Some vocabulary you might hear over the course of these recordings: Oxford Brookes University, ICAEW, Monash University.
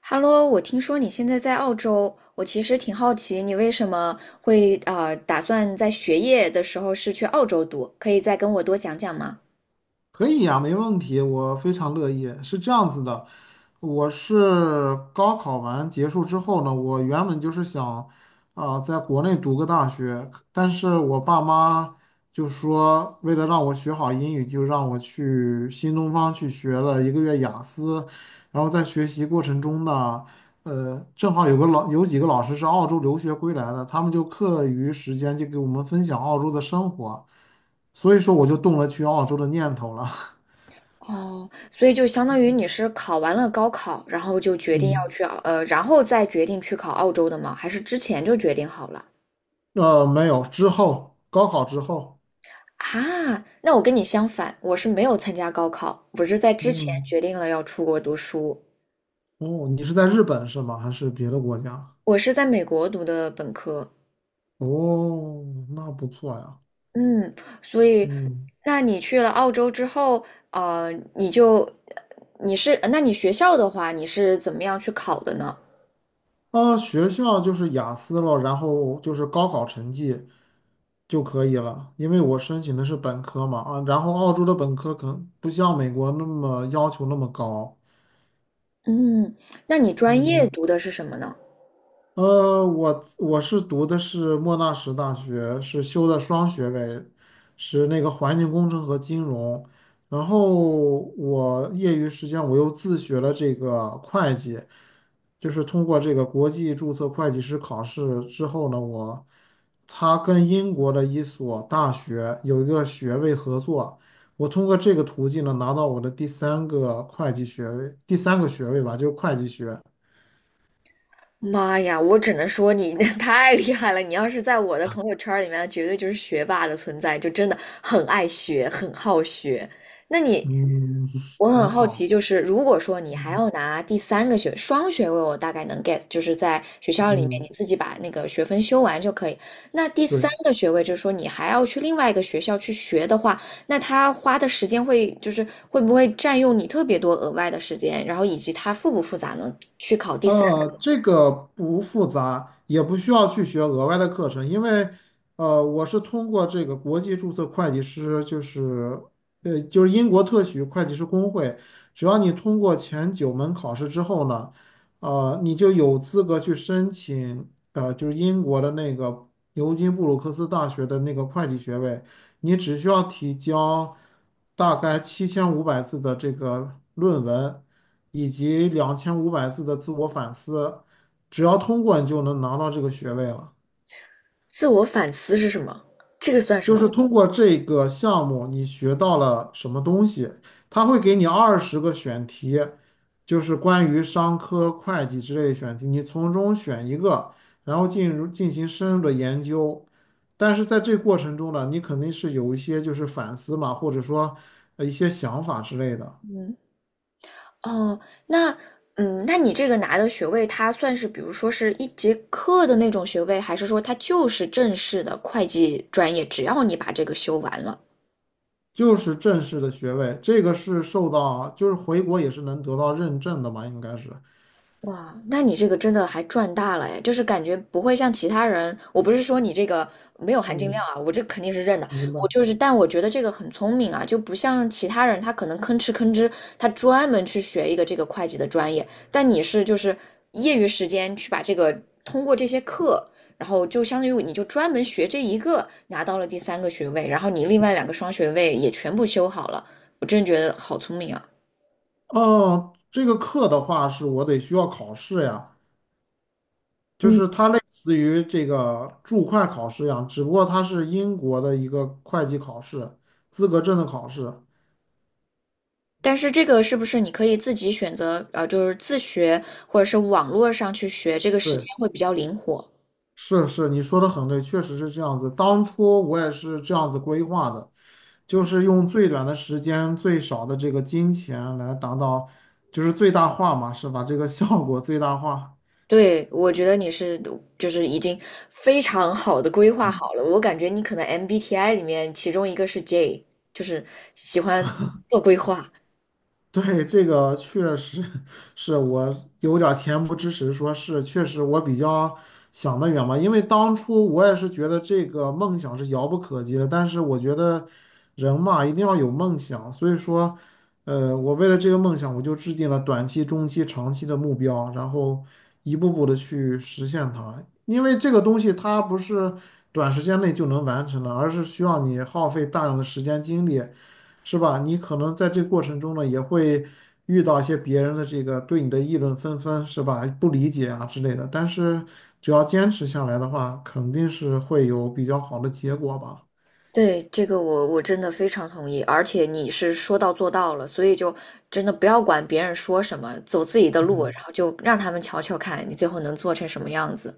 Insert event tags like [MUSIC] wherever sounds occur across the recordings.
哈喽，我听说你现在在澳洲，我其实挺好奇你为什么会打算在学业的时候是去澳洲读，可以再跟我多讲讲吗？可以呀，没问题，我非常乐意。是这样子的，我是高考完结束之后呢，我原本就是想，在国内读个大学，但是我爸妈就说，为了让我学好英语，就让我去新东方去学了1个月雅思，然后在学习过程中呢，正好有个几个老师是澳洲留学归来的，他们就课余时间就给我们分享澳洲的生活，所以说我就动了去澳洲的念头了。[LAUGHS] 哦，所以就相当于你是考完了高考，然后就决定要嗯，去澳，然后再决定去考澳洲的吗？还是之前就决定好了？没有，之后高考之后。啊，那我跟你相反，我是没有参加高考，我是在之前嗯。决定了要出国读书，哦，你是在日本是吗？还是别的国家？我是在美国读的本科。哦，那不错呀。嗯，所以，嗯。那你去了澳洲之后，呃，你就，你是，那你学校的话，你是怎么样去考的呢？啊，学校就是雅思了，然后就是高考成绩就可以了，因为我申请的是本科嘛，啊，然后澳洲的本科可能不像美国那么要求那么高。嗯，那你专业嗯。读的是什么呢？我是读的是莫纳什大学，是修的双学位，是那个环境工程和金融。然后我业余时间我又自学了这个会计，就是通过这个国际注册会计师考试之后呢，我他跟英国的一所大学有一个学位合作，我通过这个途径呢拿到我的第三个会计学位，第三个学位吧，就是会计学。妈呀，我只能说你 [LAUGHS] 太厉害了！你要是在我的朋友圈儿里面，绝对就是学霸的存在，就真的很爱学，很好学。那你，嗯，[LAUGHS] 我很还好好。奇，就是如果说你还嗯。要拿第三个学双学位，我大概能 get，就是在学校里面你嗯。自己把那个学分修完就可以。那第三对。个学位，就是说你还要去另外一个学校去学的话，那他花的时间会就是会不会占用你特别多额外的时间，然后以及它复不复杂呢？去考第三。这个不复杂，也不需要去学额外的课程，因为我是通过这个国际注册会计师，就是就是英国特许会计师工会，只要你通过前9门考试之后呢，你就有资格去申请，就是英国的那个牛津布鲁克斯大学的那个会计学位。你只需要提交大概7500字的这个论文，以及2500字的自我反思，只要通过你就能拿到这个学位了。自我反思是什么？这个算什就么？是通过这个项目，你学到了什么东西？他会给你20个选题，就是关于商科、会计之类的选题，你从中选一个，然后进行深入的研究。但是在这过程中呢，你肯定是有一些就是反思嘛，或者说一些想法之类的。嗯，哦，那嗯，那你这个拿的学位，它算是比如说是一节课的那种学位，还是说它就是正式的会计专业，只要你把这个修完了？就是正式的学位，这个是受到就是回国也是能得到认证的嘛，应该是。哇，那你这个真的还赚大了哎，就是感觉不会像其他人，我不是说你这个没有含金量嗯，啊，我这肯定是认的，明白。我就是，但我觉得这个很聪明啊，就不像其他人，他可能吭哧吭哧，他专门去学一个这个会计的专业，但你是就是业余时间去把这个通过这些课，然后就相当于你就专门学这一个，拿到了第三个学位，然后你另外两个双学位也全部修好了，我真觉得好聪明啊。哦，这个课的话是我得需要考试呀，就嗯。是它类似于这个注会考试一样，只不过它是英国的一个会计考试，资格证的考试。但是这个是不是你可以自己选择，就是自学或者是网络上去学，这个时对，间会比较灵活。是，你说的很对，确实是这样子。当初我也是这样子规划的，就是用最短的时间、最少的这个金钱来达到，就是最大化嘛，是把这个效果最大化。对，我觉得你是就是已经非常好的规划好了。我感觉你可能 MBTI 里面其中一个是 J，就是喜欢做规划。对，这个确实是我有点儿恬不知耻，说是确实我比较想得远嘛，因为当初我也是觉得这个梦想是遥不可及的，但是我觉得人嘛一定要有梦想，所以说，我为了这个梦想，我就制定了短期、中期、长期的目标，然后一步步的去实现它，因为这个东西它不是短时间内就能完成的，而是需要你耗费大量的时间精力。是吧？你可能在这个过程中呢，也会遇到一些别人的这个对你的议论纷纷，是吧？不理解啊之类的。但是只要坚持下来的话，肯定是会有比较好的结果吧。对，这个我真的非常同意，而且你是说到做到了，所以就真的不要管别人说什么，走自己的路，嗯，然后就让他们瞧瞧看你最后能做成什么样子。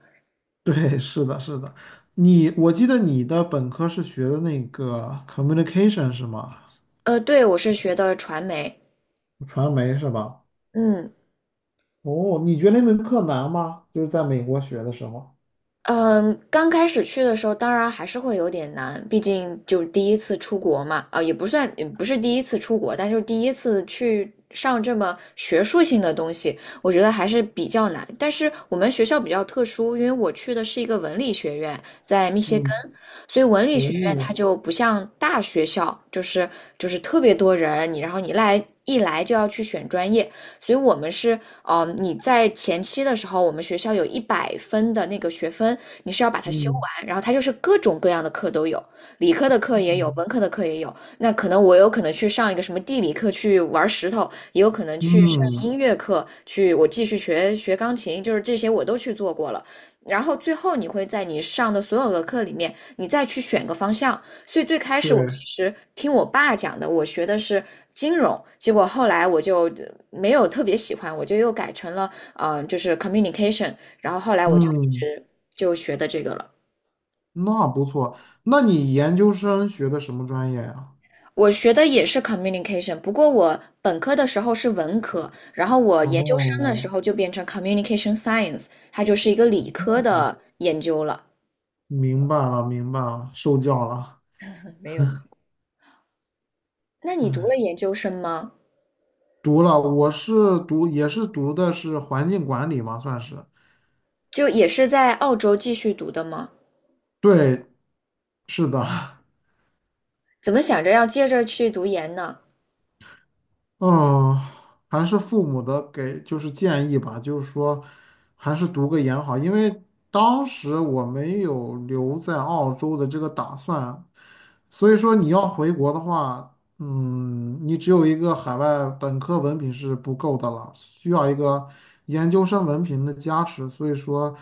对，是的，是的。你，我记得你的本科是学的那个 communication 是吗？对，我是学的传媒。传媒是吧？嗯。哦，你觉得那门课难吗？就是在美国学的时候。嗯，刚开始去的时候，当然还是会有点难，毕竟就是第一次出国嘛，啊、也不算，也不是第一次出国，但是第一次去上这么学术性的东西，我觉得还是比较难。但是我们学校比较特殊，因为我去的是一个文理学院，在密歇根，嗯。所以文理学院它哦。就不像大学校，就是特别多人，你然后你来一来就要去选专业，所以我们是你在前期的时候，我们学校有一百分的那个学分，你是要把它修嗯。完，然后它就是各种各样的课都有，理科的课也有，嗯。文科的课也有。那可能我有可能去上一个什么地理课去玩石头，也有可能去上嗯，音乐课去，我继续学学钢琴，就是这些我都去做过了。然后最后你会在你上的所有的课里面，你再去选个方向，所以最开始我对。其实听我爸讲的，我学的是金融，结果后来我就没有特别喜欢，我就又改成了就是 communication，然后后来我就一嗯。直就学的这个了。那不错。那你研究生学的什么专业呀？我学的也是 communication，不过我本科的时候是文科，然后我研究生的时哦，候就变成 communication science，它就是一个理科的研究了。明白了，明白了，受教了。没有。那你读了研究生吗？读了。我是读，也是读的是环境管理嘛，算是。就也是在澳洲继续读的吗？对，是的。[LAUGHS] 怎么想着要接着去读研呢？嗯，还是父母的给就是建议吧，就是说还是读个研好，因为当时我没有留在澳洲的这个打算，所以说你要回国的话，嗯，你只有一个海外本科文凭是不够的了，需要一个研究生文凭的加持，所以说，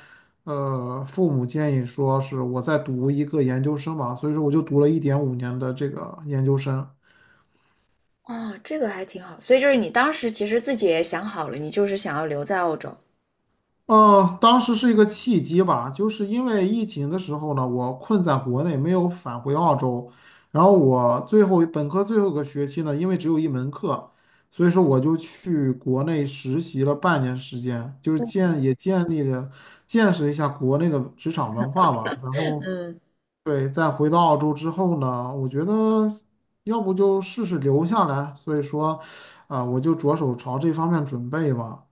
父母建议说是我再读一个研究生吧，所以说我就读了1.5年的这个研究生。哦，这个还挺好。所以就是你当时其实自己也想好了，你就是想要留在澳洲。当时是一个契机吧，就是因为疫情的时候呢，我困在国内没有返回澳洲，然后我最后本科最后一个学期呢，因为只有一门课，所以说我就去国内实习了半年时间，就是建立了见识一下国内的职场文化吧。然后嗯，对，再回到澳洲之后呢，我觉得要不就试试留下来，所以说，我就着手朝这方面准备吧。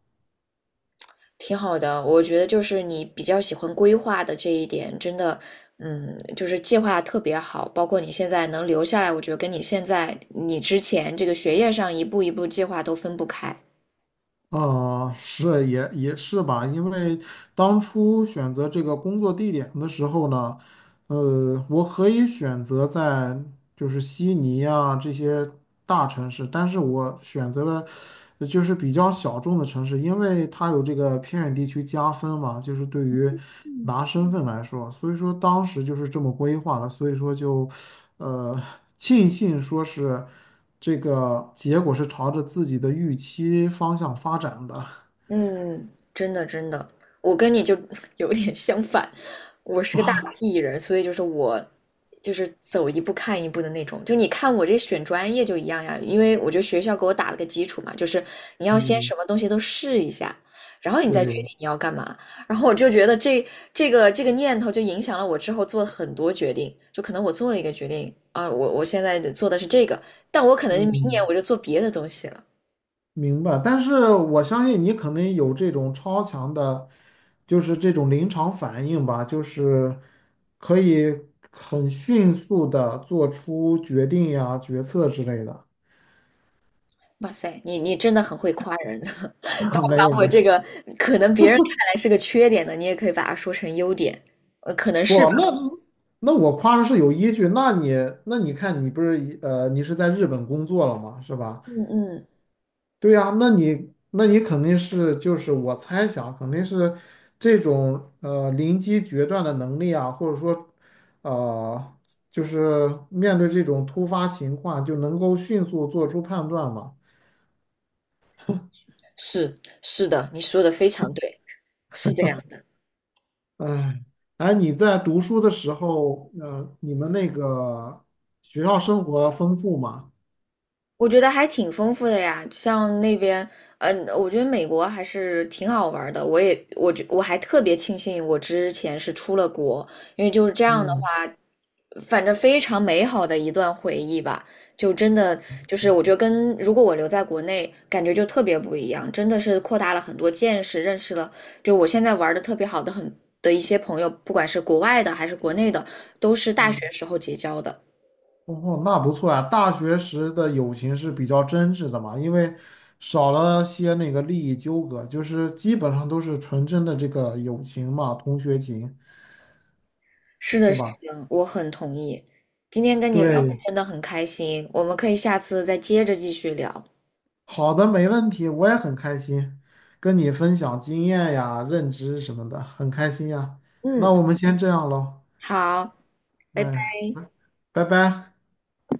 挺好的。我觉得就是你比较喜欢规划的这一点，真的，嗯，就是计划特别好。包括你现在能留下来，我觉得跟你现在你之前这个学业上一步一步计划都分不开。是也是吧，因为当初选择这个工作地点的时候呢，我可以选择在就是悉尼啊这些大城市，但是我选择了就是比较小众的城市，因为它有这个偏远地区加分嘛，就是对于拿身份来说，所以说当时就是这么规划了，所以说就呃庆幸说是这个结果是朝着自己的预期方向发展的。嗯，真的真的，我跟你就 [LAUGHS] 有点相反，我是个大 P 人，所以就是我就是走一步看一步的那种。就你看我这选专业就一样呀，因为我觉得学校给我打了个基础嘛，就是你要先嗯，什么东西都试一下，然后你再决对，定你要干嘛。然后我就觉得这个念头就影响了我之后做了很多决定，就可能我做了一个决定啊，我现在做的是这个，但我可能明年我嗯。就做别的东西了。明白，但是我相信你可能有这种超强的，就是这种临场反应吧，就是可以很迅速的做出决定呀、决策之类的。哇塞，你真的很会夸人，[LAUGHS] [LAUGHS] 把没有把我没有。这个可能别人看来是个缺点的，你也可以把它说成优点，可能是吧。不，那那我夸的是有依据。那你看，你不是你是在日本工作了嘛，是吧？嗯。嗯，对呀，那你肯定是就是我猜想肯定是这种临机决断的能力啊，或者说呃就是面对这种突发情况就能够迅速做出判断嘛。是是的，你说的非常对，是这样的。哎，哎，你在读书的时候，你们那个学校生活丰富吗？我觉得还挺丰富的呀，像那边，嗯、我觉得美国还是挺好玩儿的。我也，我觉我还特别庆幸我之前是出了国，因为就是这样的嗯。话，反正非常美好的一段回忆吧。就真的就是我觉得跟如果我留在国内，感觉就特别不一样，真的是扩大了很多见识，认识了就我现在玩的特别好的很的一些朋友，不管是国外的还是国内的，都是大学嗯。时候结交的。哦，那不错呀。大学时的友情是比较真挚的嘛，因为少了些那个利益纠葛，就是基本上都是纯真的这个友情嘛，同学情，是的，是是的，吧？我很同意。今天跟你聊的对，真的很开心，我们可以下次再接着继续聊。好的，没问题，我也很开心跟你分享经验呀、认知什么的，很开心呀。那嗯，我们先这样喽，好，拜拜。哎，拜拜。